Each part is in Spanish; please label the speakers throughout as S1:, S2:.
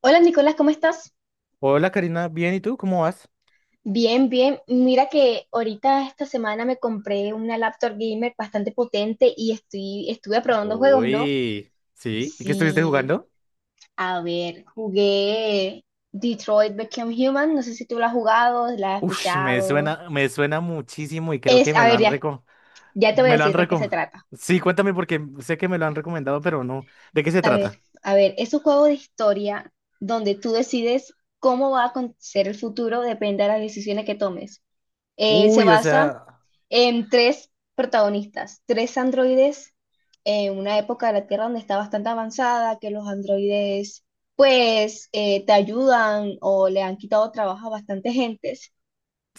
S1: Hola Nicolás, ¿cómo estás?
S2: Hola Karina, bien, ¿y tú? ¿Cómo vas?
S1: Bien, bien. Mira que ahorita esta semana me compré una laptop gamer bastante potente y estuve probando juegos, ¿no?
S2: Uy, sí, ¿y qué estuviste
S1: Sí,
S2: jugando?
S1: a ver, jugué Detroit Become Human, no sé si tú la has jugado, la has
S2: Ush,
S1: escuchado.
S2: me suena muchísimo y creo que me
S1: A
S2: lo
S1: ver,
S2: han
S1: ya,
S2: reco,
S1: ya te voy a
S2: me lo han
S1: decir de qué se
S2: reco.
S1: trata.
S2: Sí, cuéntame porque sé que me lo han recomendado, pero no. ¿De qué se trata?
S1: A ver, es un juego de historia donde tú decides cómo va a acontecer el futuro, depende de las decisiones que tomes. Se
S2: Uy, o
S1: basa
S2: sea,
S1: tres protagonistas, tres androides en una época de la Tierra donde está bastante avanzada, que los androides pues te ayudan o le han quitado trabajo a bastante gentes.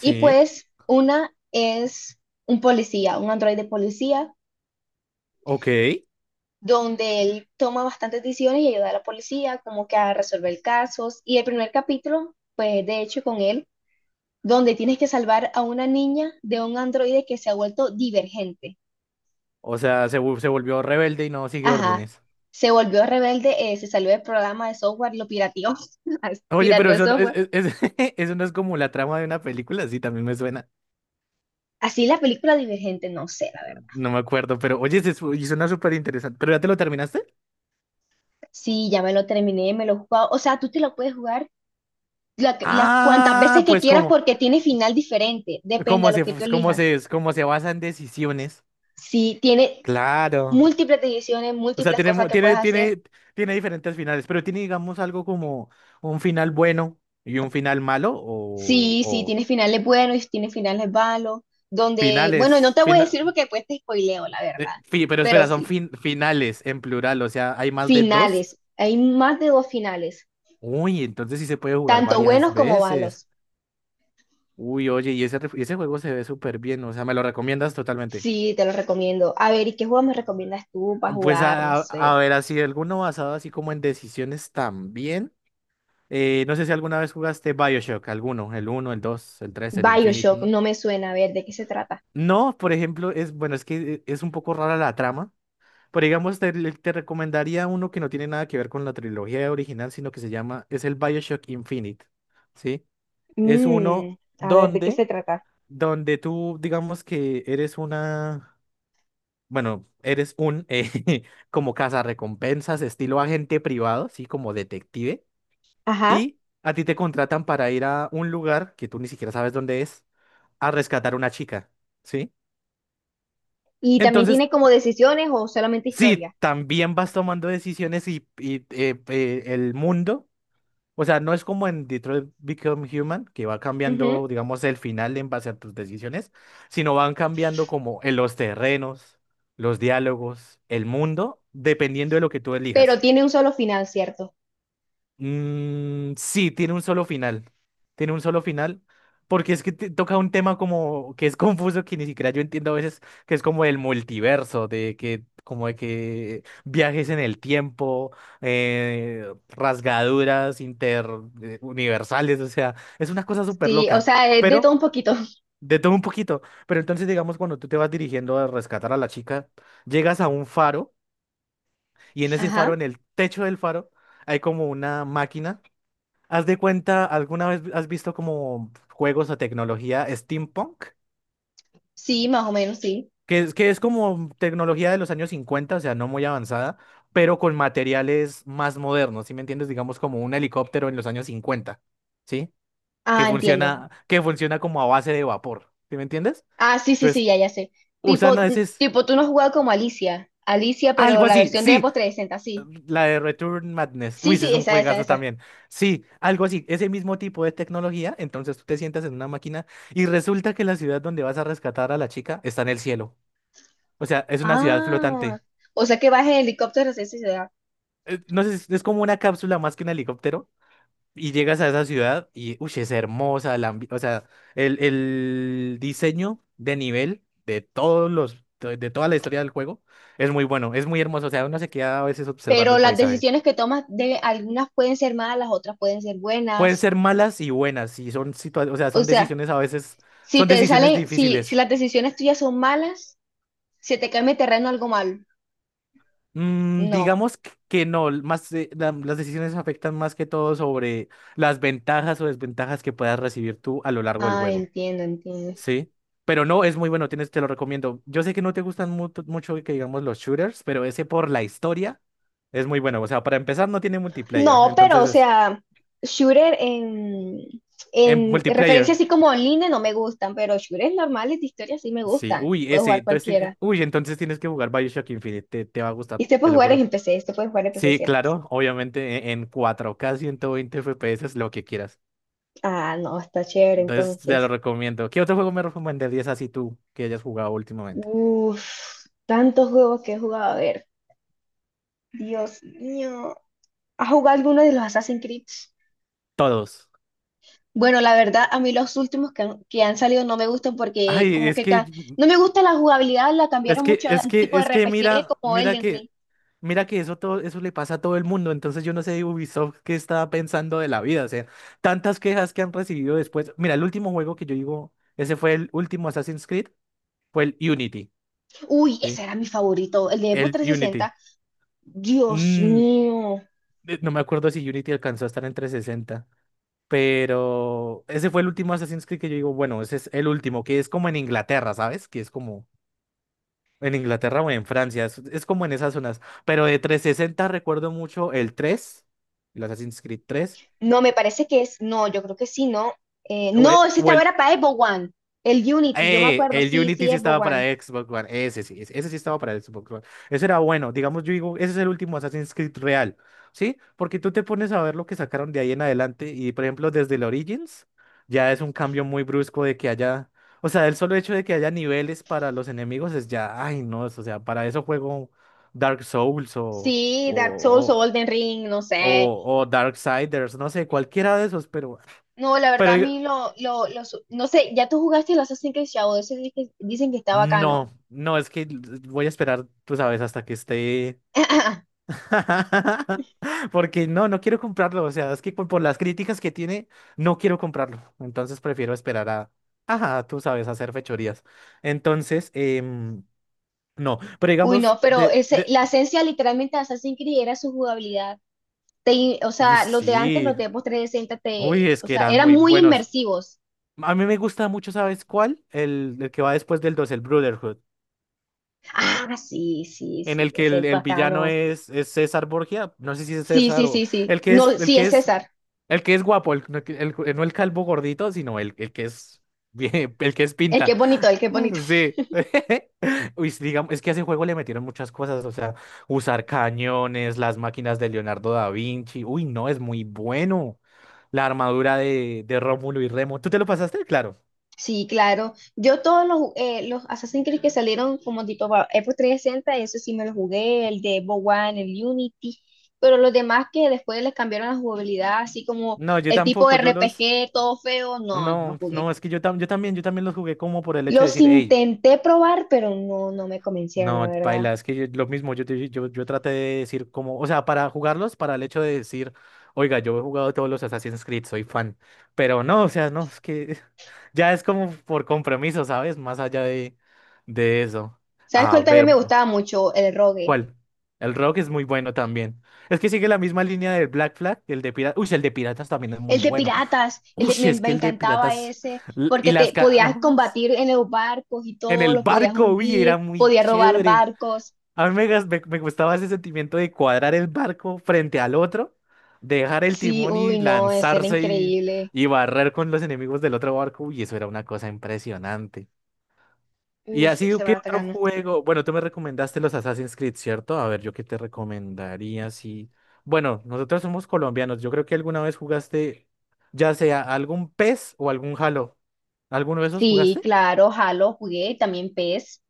S1: Y pues una es un policía, un androide policía,
S2: ok.
S1: donde él toma bastantes decisiones y ayuda a la policía como que a resolver casos. Y el primer capítulo, pues de hecho con él, donde tienes que salvar a una niña de un androide que se ha vuelto divergente.
S2: O sea, se, se volvió rebelde y no sigue
S1: Ajá.
S2: órdenes.
S1: Se volvió rebelde, se salió del programa de software, lo pirateó,
S2: Oye, pero
S1: pirateó el
S2: eso,
S1: software.
S2: eso no es como la trama de una película, sí, también me suena.
S1: Así la película Divergente, no sé, la verdad.
S2: No me acuerdo, pero oye, y suena súper interesante. ¿Pero ya te lo terminaste?
S1: Sí, ya me lo terminé, me lo he jugado. O sea, tú te lo puedes jugar las cuantas veces
S2: Ah,
S1: que
S2: pues
S1: quieras
S2: ¿cómo?
S1: porque tiene final diferente, depende
S2: cómo
S1: a lo
S2: se,
S1: que tú
S2: cómo
S1: elijas.
S2: se, cómo se basan decisiones.
S1: Sí, tiene
S2: Claro.
S1: múltiples decisiones,
S2: O sea,
S1: múltiples
S2: tiene,
S1: cosas
S2: mu-
S1: que puedes
S2: tiene,
S1: hacer.
S2: tiene, tiene diferentes finales, pero tiene, digamos, algo como un final bueno y un final malo, o,
S1: Sí, sí,
S2: o
S1: tiene finales buenos y tiene finales malos, donde, bueno, no
S2: finales,
S1: te voy a
S2: fina-
S1: decir porque después te spoileo, la verdad,
S2: pero
S1: pero
S2: espera, son
S1: sí.
S2: finales en plural, o sea, hay más de dos.
S1: Finales, hay más de dos finales,
S2: Uy, entonces sí se puede jugar
S1: tanto
S2: varias
S1: buenos como
S2: veces.
S1: malos.
S2: Uy, oye, y ese, ese juego se ve súper bien, o sea, me lo recomiendas totalmente.
S1: Sí, te los recomiendo. A ver, ¿y qué juego me recomiendas tú para
S2: Pues
S1: jugar? No sé.
S2: a ver, así, alguno basado así como en decisiones también. No sé si alguna vez jugaste Bioshock, alguno, el uno el 2 el 3 el Infinite,
S1: BioShock,
S2: ¿no?
S1: no me suena. A ver, ¿de qué se trata?
S2: No, por ejemplo, es, bueno, es que es un poco rara la trama, pero digamos, te recomendaría uno que no tiene nada que ver con la trilogía original, sino que se llama, es el Bioshock Infinite, ¿sí? Es uno
S1: Mm, a ver, ¿de qué se
S2: donde,
S1: trata?
S2: donde tú, digamos que eres una, bueno, eres un, como cazarrecompensas, estilo agente privado, ¿sí? Como detective.
S1: Ajá.
S2: Y a ti te contratan para ir a un lugar que tú ni siquiera sabes dónde es, a rescatar a una chica, ¿sí?
S1: Y también
S2: Entonces,
S1: tiene como decisiones o solamente
S2: sí,
S1: historia.
S2: también vas tomando decisiones y el mundo, o sea, no es como en Detroit Become Human, que va
S1: Ujú.
S2: cambiando, digamos, el final en base a tus decisiones, sino van cambiando como en los terrenos, los diálogos, el mundo, dependiendo de lo que tú
S1: Pero
S2: elijas.
S1: tiene un solo final, ¿cierto?
S2: Mm, sí, tiene un solo final. Tiene un solo final. Porque es que toca un tema como que es confuso, que ni siquiera yo entiendo a veces, que es como el multiverso, de que, como de que viajes en el tiempo, rasgaduras interuniversales, o sea, es una cosa súper
S1: Sí, o
S2: loca.
S1: sea, es de todo
S2: Pero,
S1: un poquito.
S2: de todo un poquito. Pero entonces, digamos, cuando tú te vas dirigiendo a rescatar a la chica, llegas a un faro, y en ese faro,
S1: Ajá.
S2: en el techo del faro, hay como una máquina. Haz de cuenta, ¿alguna vez has visto como juegos o tecnología steampunk?
S1: Sí, más o menos, sí.
S2: Que es como tecnología de los años cincuenta, o sea, no muy avanzada, pero con materiales más modernos, ¿sí me entiendes? Digamos como un helicóptero en los años cincuenta, ¿sí?
S1: Ah, entiendo.
S2: Que funciona como a base de vapor, ¿sí me entiendes?
S1: Ah, sí, sí, sí,
S2: Pues
S1: ya, ya sé.
S2: usan a
S1: Tipo,
S2: veces
S1: tipo, tú no has jugado como Alicia. Alicia, pero
S2: algo
S1: la
S2: así,
S1: versión de
S2: sí.
S1: Xbox 360, sí.
S2: La de Return Madness.
S1: Sí,
S2: Uy, ese es
S1: sí,
S2: un
S1: esa, esa,
S2: juegazo
S1: esa.
S2: también. Sí, algo así, ese mismo tipo de tecnología. Entonces tú te sientas en una máquina y resulta que la ciudad donde vas a rescatar a la chica está en el cielo. O sea, es una ciudad
S1: Ah,
S2: flotante.
S1: o sea que vas en helicóptero hacia esa ciudad.
S2: No sé, es como una cápsula más que un helicóptero. Y llegas a esa ciudad y, uy, es hermosa. O sea, el diseño de nivel de de toda la historia del juego es muy bueno, es muy hermoso. O sea, uno se queda a veces observando
S1: Pero
S2: el
S1: las
S2: paisaje.
S1: decisiones que tomas de algunas pueden ser malas, otras pueden ser
S2: Pueden
S1: buenas.
S2: ser malas y buenas, y son o sea,
S1: O
S2: son
S1: sea,
S2: decisiones a veces,
S1: si
S2: son
S1: te
S2: decisiones
S1: salen, si
S2: difíciles.
S1: las decisiones tuyas son malas, se te cambia el terreno algo malo.
S2: Mm,
S1: No.
S2: digamos que no, más las decisiones afectan más que todo sobre las ventajas o desventajas que puedas recibir tú a lo largo del
S1: Ah,
S2: juego,
S1: entiendo, entiendo.
S2: ¿sí? Pero no, es muy bueno, tienes, te lo recomiendo. Yo sé que no te gustan mucho que digamos los shooters, pero ese por la historia es muy bueno. O sea, para empezar no tiene multiplayer,
S1: No, pero
S2: entonces
S1: o
S2: es
S1: sea, shooter en,
S2: en
S1: en referencia
S2: multiplayer.
S1: así como online no me gustan, pero shooters normales de historia sí me
S2: Sí,
S1: gustan.
S2: uy,
S1: Puedo
S2: ese,
S1: jugar
S2: entonces,
S1: cualquiera.
S2: uy, entonces tienes que jugar BioShock Infinite, te va a
S1: Y
S2: gustar,
S1: usted
S2: te
S1: puede
S2: lo
S1: jugar
S2: juro.
S1: en PC, usted puede jugar en PC,
S2: Sí,
S1: ¿cierto?
S2: claro, obviamente en 4K 120 FPS es lo que quieras.
S1: Ah, no, está chévere
S2: Entonces te lo
S1: entonces.
S2: recomiendo. ¿Qué otro juego me recomendarías así tú que hayas jugado últimamente?
S1: Uf, tantos juegos que he jugado. A ver, Dios mío. ¿Has jugado alguno de los Assassin's Creed?
S2: Todos.
S1: Bueno, la verdad, a mí los últimos que han salido no me gustan porque
S2: Ay,
S1: como que no me gusta la jugabilidad, la cambiaron mucho al tipo de
S2: es que
S1: RPG
S2: mira,
S1: como Elden Ring.
S2: mira que eso todo, eso le pasa a todo el mundo. Entonces yo no sé Ubisoft qué estaba pensando de la vida. O sea, tantas quejas que han recibido después. Mira, el último juego que yo digo, ese fue el último Assassin's Creed. Fue el Unity,
S1: Uy, ese
S2: ¿sí?
S1: era mi favorito, el de Xbox
S2: El Unity.
S1: 360. Dios
S2: Mm,
S1: mío.
S2: no me acuerdo si Unity alcanzó a estar en 360, pero ese fue el último Assassin's Creed que yo digo, bueno, ese es el último, que es como en Inglaterra, ¿sabes? Que es como en Inglaterra o en Francia, es como en esas zonas. Pero de 360 recuerdo mucho el tres, el Assassin's Creed 3
S1: No, me parece que es, no, yo creo que sí, no. No, ese
S2: o
S1: estaba
S2: el.
S1: era para Xbox One, el Unity, yo me acuerdo,
S2: El
S1: sí,
S2: Unity
S1: sí,
S2: sí
S1: Xbox
S2: estaba para
S1: One.
S2: Xbox One. Ese sí, ese sí estaba para Xbox One. Ese era bueno. Digamos, yo digo, ese es el último Assassin's Creed real, ¿sí? Porque tú te pones a ver lo que sacaron de ahí en adelante y, por ejemplo, desde el Origins, ya es un cambio muy brusco de que haya, o sea, el solo hecho de que haya niveles para los enemigos es ya, ay, no, o sea, para eso juego Dark Souls
S1: Sí,
S2: o,
S1: Dark Souls o
S2: o,
S1: Golden Ring, no sé.
S2: o Darksiders, no sé, cualquiera de esos, pero...
S1: No, la
S2: Pero
S1: verdad a mí no sé, ya tú jugaste el Assassin's Creed Shadow, ese dicen que está bacano.
S2: no, no, es que voy a esperar, pues, a veces hasta que esté. Porque no, no quiero comprarlo. O sea, es que por las críticas que tiene, no quiero comprarlo. Entonces prefiero esperar a. Ajá, tú sabes, a hacer fechorías. Entonces, no. Pero
S1: Uy,
S2: digamos,
S1: no, pero ese,
S2: de.
S1: la esencia literalmente de Assassin's Creed era su jugabilidad o
S2: Uy,
S1: sea, los de antes,
S2: sí.
S1: los de Xbox 360,
S2: Uy, es
S1: o
S2: que
S1: sea,
S2: eran
S1: eran
S2: muy
S1: muy
S2: buenos.
S1: inmersivos.
S2: A mí me gusta mucho, ¿sabes cuál? El que va después del 2, el Brotherhood.
S1: Ah, sí, sí,
S2: En
S1: sí,
S2: el que
S1: ese es
S2: el villano
S1: bacano.
S2: es César Borgia. No sé si es
S1: Sí, sí,
S2: César o.
S1: sí, sí.
S2: El que es,
S1: No,
S2: el
S1: sí,
S2: que
S1: es
S2: es.
S1: César.
S2: El que es guapo, no el calvo gordito, sino el que es bien, el que es
S1: El que
S2: pinta.
S1: es bonito, el que es bonito.
S2: Sí. Uy, sí, digamos, es que a ese juego le metieron muchas cosas, o sea, usar cañones, las máquinas de Leonardo da Vinci. Uy, no, es muy bueno. La armadura de Rómulo y Remo. ¿Tú te lo pasaste? Claro.
S1: Sí, claro. Yo todos los Assassin's Creed que salieron como tipo para Xbox 360, eso sí me lo jugué, el de Xbox One, el Unity, pero los demás que después les cambiaron la jugabilidad, así como
S2: No, yo
S1: el tipo de
S2: tampoco, yo los...
S1: RPG, todo feo, no, no lo
S2: No,
S1: jugué.
S2: no, es que yo también los jugué como por el hecho de
S1: Los
S2: decir, hey.
S1: intenté probar, pero no, no me convencieron, la
S2: No,
S1: verdad.
S2: paila, es que lo mismo, yo traté de decir como, o sea, para jugarlos, para el hecho de decir, oiga, yo he jugado todos los Assassin's Creed, soy fan, pero no, o sea, no, es que ya es como por compromiso, ¿sabes? Más allá de eso.
S1: ¿Sabes
S2: A
S1: cuál también
S2: ver,
S1: me gustaba mucho? El rogue.
S2: ¿cuál? El Rock es muy bueno también. Es que sigue la misma línea del Black Flag, el de Piratas, uy, el de Piratas también es muy
S1: El de
S2: bueno.
S1: piratas. El
S2: Uy,
S1: de- me,
S2: es
S1: me
S2: que el de
S1: encantaba
S2: Piratas
S1: ese
S2: l- y
S1: porque
S2: las...
S1: te
S2: ca-
S1: podías combatir en los barcos y
S2: En
S1: todo,
S2: el
S1: lo podías
S2: barco, uy, era
S1: hundir,
S2: muy
S1: podías robar
S2: chévere.
S1: barcos.
S2: A mí me gustaba ese sentimiento de cuadrar el barco frente al otro, dejar el
S1: Sí,
S2: timón
S1: uy,
S2: y
S1: no, ese era
S2: lanzarse
S1: increíble.
S2: y barrer con los enemigos del otro barco. Y eso era una cosa impresionante. Y
S1: Uf,
S2: así,
S1: se
S2: ¿qué
S1: va
S2: otro
S1: atacando.
S2: juego? Bueno, tú me recomendaste los Assassin's Creed, ¿cierto? A ver, yo qué te recomendaría si... Bueno, nosotros somos colombianos. Yo creo que alguna vez jugaste, ya sea algún PES o algún Halo. ¿Alguno de esos
S1: Sí,
S2: jugaste?
S1: claro, Halo jugué, también PES.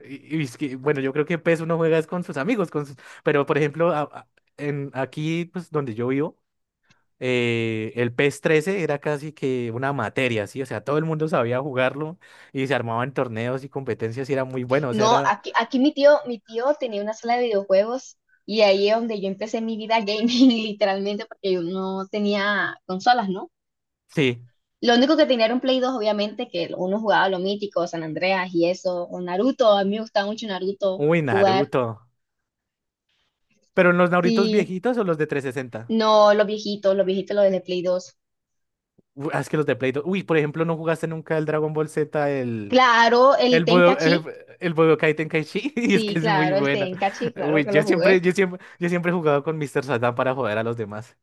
S2: Y es que, bueno, yo creo que PES uno juega es con sus amigos, con sus. Por ejemplo, aquí pues, donde yo vivo, el PES 13 era casi que una materia, ¿sí? O sea, todo el mundo sabía jugarlo y se armaban torneos y competencias y era muy bueno, o sea,
S1: No,
S2: era,
S1: aquí mi tío tenía una sala de videojuegos y ahí es donde yo empecé mi vida gaming, literalmente, porque yo no tenía consolas, ¿no?
S2: sí,
S1: Lo único que tenía era un Play 2 obviamente, que uno jugaba lo mítico, San Andreas y eso, o Naruto, a mí me gustaba mucho Naruto
S2: uy,
S1: jugar.
S2: Naruto. Pero en los Narutos
S1: Sí,
S2: viejitos o los de 360,
S1: no, los viejitos los de Play dos.
S2: uy, ah, es que los de Play 2, uy, por ejemplo, ¿no jugaste nunca el Dragon Ball Z, el
S1: Claro, el
S2: El Budo,
S1: Tenkachi,
S2: el Budokai Tenkaichi, y es que
S1: sí,
S2: es muy
S1: claro, el
S2: buena.
S1: Tenkachi, claro
S2: Uy,
S1: que lo jugué.
S2: yo siempre he jugado con Mr. Satan para joder a los demás.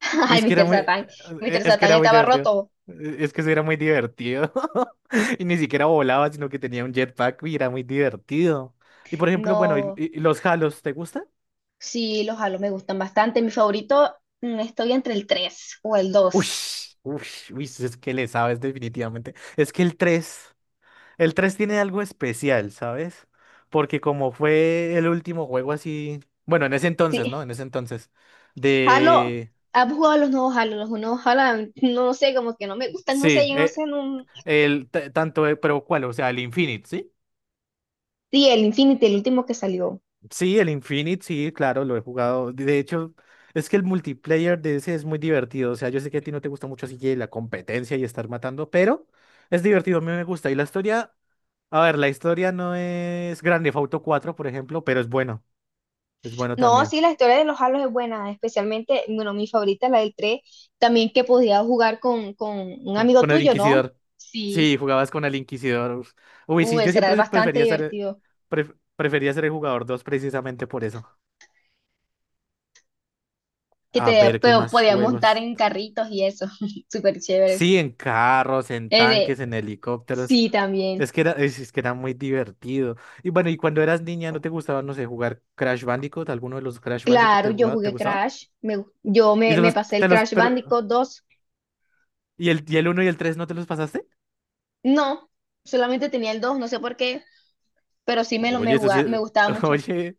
S2: Uy,
S1: Ay,
S2: es que era
S1: Mr.
S2: muy,
S1: Satan, Mr.
S2: es que
S1: Satan
S2: era muy
S1: estaba
S2: divertido.
S1: roto.
S2: Es que eso era muy divertido. Y ni siquiera volaba, sino que tenía un jetpack y era muy divertido. Y por ejemplo, bueno,
S1: No,
S2: y los Halos, ¿te gustan?
S1: sí, los Halo me gustan bastante. Mi favorito, estoy entre el 3 o el
S2: Uy,
S1: dos.
S2: uy, Uy, es que le sabes definitivamente. Es que el tres. El 3 tiene algo especial, ¿sabes? Porque como fue el último juego así, bueno, en ese
S1: Sí,
S2: entonces, ¿no? En ese entonces,
S1: Halo,
S2: de...
S1: ¿has jugado los nuevos Halo? Los nuevos Halo, no, no sé, como que no me gustan, no
S2: Sí,
S1: sé, yo no sé,
S2: eh,
S1: no.
S2: el tanto, pero ¿cuál? O sea, el Infinite, ¿sí?
S1: Sí, el Infinity, el último que salió.
S2: Sí, el Infinite, sí, claro, lo he jugado. De hecho, es que el multiplayer de ese es muy divertido. O sea, yo sé que a ti no te gusta mucho así que la competencia y estar matando, pero es divertido, a mí me gusta. Y la historia, a ver, la historia no es Grand Theft Auto 4, por ejemplo, pero es bueno
S1: No,
S2: también.
S1: sí, la historia de los Halos es buena, especialmente, bueno, mi favorita la del 3, también que podías jugar con un
S2: Con,
S1: amigo
S2: con el
S1: tuyo, ¿no?
S2: Inquisidor.
S1: Sí,
S2: Sí, jugabas con el Inquisidor. Uf. Uy, sí, yo
S1: Ese era
S2: siempre
S1: bastante divertido,
S2: prefería ser el jugador 2 precisamente por eso.
S1: que
S2: A
S1: te
S2: ver, ¿qué
S1: pero
S2: más
S1: podías montar
S2: juegos?
S1: en carritos y eso, súper chévere.
S2: Sí, en carros, en
S1: Eh, de-
S2: tanques, en helicópteros.
S1: sí, también.
S2: Es que era muy divertido. Y bueno, y cuando eras niña, ¿no te gustaba, no sé, jugar Crash Bandicoot? ¿Alguno de los Crash Bandicoot
S1: Claro,
S2: te
S1: yo
S2: jugaba, te
S1: jugué
S2: gustaba?
S1: Crash, yo me, me pasé el Crash
S2: Pero,
S1: Bandicoot 2,
S2: ¿y el uno y el 3 no te los pasaste?
S1: no, solamente tenía el 2, no sé por qué, pero sí
S2: Oye, eso sí,
S1: jugaba, me
S2: es-
S1: gustaba mucho.
S2: Oye,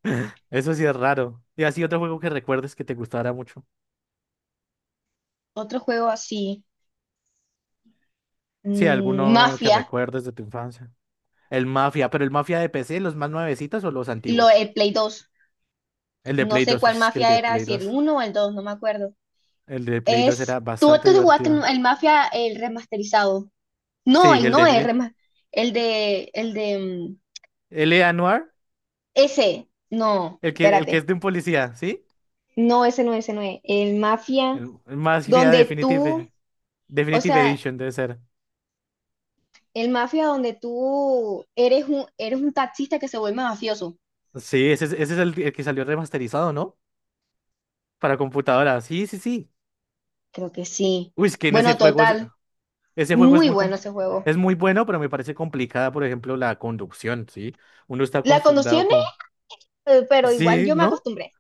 S2: eso sí es raro. ¿Y así otro juego que recuerdes que te gustara mucho?
S1: Otro juego así,
S2: Sí, alguno que
S1: Mafia.
S2: recuerdes de tu infancia. El Mafia, pero el Mafia de PC, ¿los más nuevecitos o los antiguos?
S1: El Play dos.
S2: El de
S1: No
S2: Play
S1: sé
S2: 2 uy,
S1: cuál
S2: es que el
S1: mafia
S2: de
S1: era,
S2: Play
S1: si el
S2: 2
S1: uno o el 2 no me acuerdo.
S2: el de Play 2
S1: Es.
S2: era
S1: Tú,
S2: bastante
S1: tú te jugaste
S2: divertido.
S1: el mafia, el remasterizado. No,
S2: Sí,
S1: el no es rema. El de. El de.
S2: L.A. Noir,
S1: Ese. No,
S2: el que es
S1: espérate.
S2: de un policía, ¿sí?
S1: No, ese no es. El mafia
S2: El Mafia
S1: donde tú. O
S2: Definitive
S1: sea,
S2: Edition debe ser.
S1: el mafia donde tú eres un taxista que se vuelve mafioso.
S2: Sí, ese es el que salió remasterizado, ¿no? Para computadora. Sí, sí, sí.
S1: Creo que sí.
S2: Uy, es que en ese
S1: Bueno,
S2: juego es,
S1: total.
S2: ese juego
S1: Muy bueno ese juego.
S2: es muy bueno, pero me parece complicada, por ejemplo, la conducción, ¿sí? Uno está
S1: La
S2: acostumbrado.
S1: conducción es, pero igual
S2: Sí,
S1: yo me
S2: ¿no?
S1: acostumbré.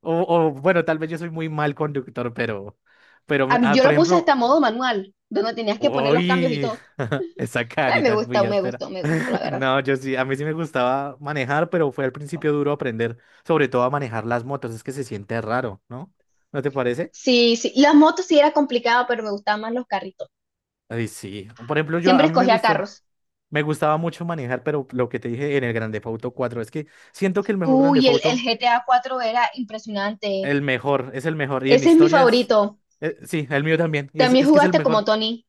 S2: Bueno, tal vez yo soy muy mal conductor,
S1: A mí yo
S2: por
S1: lo puse hasta
S2: ejemplo,
S1: modo manual, donde tenías que poner los cambios y
S2: uy,
S1: todo.
S2: esa
S1: Pues me
S2: carita es muy
S1: gustó, me
S2: áspera.
S1: gustó, me gustó, la verdad.
S2: No, a mí sí me gustaba manejar, pero fue al principio duro aprender, sobre todo a manejar las motos, es que se siente raro, ¿no? ¿No te parece?
S1: Sí, sí. Las motos sí era complicado, pero me gustaban más los carritos.
S2: Ay, sí. Por ejemplo,
S1: Siempre
S2: a mí
S1: escogía carros.
S2: me gustaba mucho manejar, pero lo que te dije en el Grand Theft Auto 4, es que siento que el mejor Grand
S1: Uy,
S2: Theft
S1: el
S2: Auto,
S1: GTA 4 era impresionante.
S2: es el mejor, y en
S1: Ese es mi
S2: historias,
S1: favorito.
S2: sí, el mío también, y
S1: También
S2: es que es el
S1: jugaste como
S2: mejor.
S1: Tony.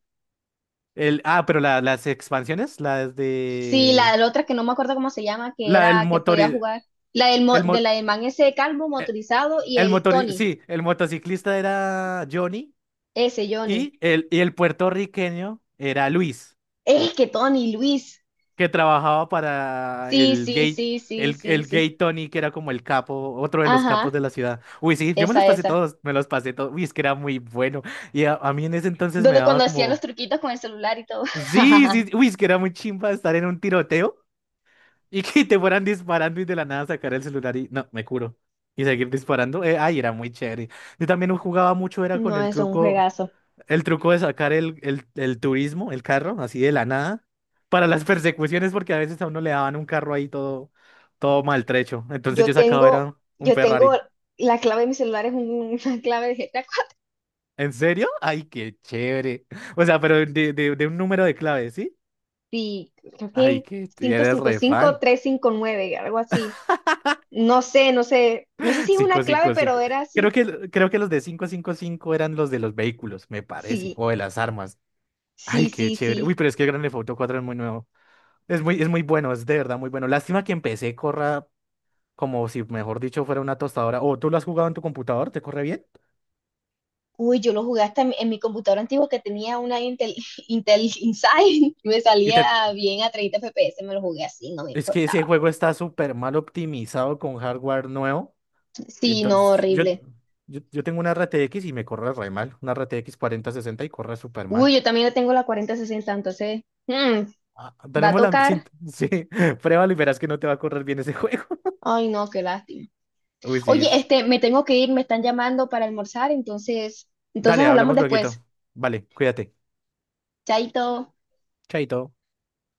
S2: Pero las expansiones, las
S1: Sí, la
S2: de...
S1: de la otra que no me acuerdo cómo se llama, que
S2: La del
S1: era que
S2: motor...
S1: podía jugar.
S2: El,
S1: De
S2: mo-
S1: la del man ese calvo
S2: eh,
S1: motorizado y el Tony,
S2: Sí, el motociclista era Johnny
S1: ese Johnny.
S2: y el puertorriqueño era Luis,
S1: Es que Tony, Luis.
S2: que trabajaba para
S1: Sí,
S2: el
S1: sí,
S2: gay.
S1: sí, sí,
S2: El,
S1: sí,
S2: el
S1: sí.
S2: gay Tony, que era como el capo, otro de los capos
S1: Ajá,
S2: de la ciudad. Uy, sí, yo me los
S1: esa,
S2: pasé
S1: esa.
S2: todos, me los pasé todos. Uy, es que era muy bueno. Y a mí en ese entonces me
S1: Donde
S2: daba
S1: cuando hacía los
S2: como...
S1: truquitos con el celular y todo.
S2: Sí, sí, uy, es que era muy chimba estar en un tiroteo. Y que te fueran disparando y de la nada sacar el celular y no, me curo. Y seguir disparando. Ay, era muy chévere. Yo también jugaba mucho, era con
S1: No, es un juegazo.
S2: el truco de sacar el turismo, el carro, así de la nada, para las persecuciones, porque a veces a uno le daban un carro ahí todo, todo maltrecho. Entonces
S1: Yo
S2: yo sacaba
S1: tengo,
S2: era un
S1: yo tengo
S2: Ferrari.
S1: la clave de mi celular es una clave de GTA.
S2: ¿En serio? Ay, qué chévere. O sea, pero de un número de clave, ¿sí?
S1: Sí, creo que
S2: Ay,
S1: es
S2: que
S1: cinco
S2: eres
S1: cinco
S2: re
S1: cinco
S2: fan.
S1: tres cinco nueve algo así. No sé, no sé, no sé si es
S2: Cinco,
S1: una clave,
S2: cinco,
S1: pero
S2: cinco.
S1: era así.
S2: Creo que los de 555 eran los de los vehículos, me parece,
S1: Sí,
S2: o de las armas. Ay,
S1: sí,
S2: qué
S1: sí,
S2: chévere. Uy,
S1: sí.
S2: pero es que el Grand Theft Auto 4 es muy nuevo. Es muy bueno, es de verdad muy bueno. Lástima que empecé corra como si, mejor dicho, fuera una tostadora. O tú lo has jugado en tu computador, ¿te corre bien?
S1: Uy, yo lo jugué hasta en mi computadora antigua que tenía una Intel, Intel Inside me
S2: Y te-
S1: salía bien a 30 FPS, me lo jugué así, no me
S2: Es que ese
S1: importaba.
S2: juego está súper mal optimizado con hardware nuevo.
S1: Sí, no,
S2: Entonces, yo,
S1: horrible.
S2: yo, yo tengo una RTX y me corre re mal. Una RTX 60 y corre súper mal.
S1: Uy, yo también tengo la 4060, entonces
S2: Ah,
S1: va a
S2: tenemos la... Sí,
S1: tocar.
S2: sí. Pruébalo y verás que no te va a correr bien ese juego.
S1: Ay, no, qué lástima.
S2: Uy, sí.
S1: Oye, este, me tengo que ir, me están llamando para almorzar, entonces
S2: Dale,
S1: hablamos
S2: hablamos
S1: después.
S2: lueguito. Vale, cuídate.
S1: Chaito.
S2: Chaito.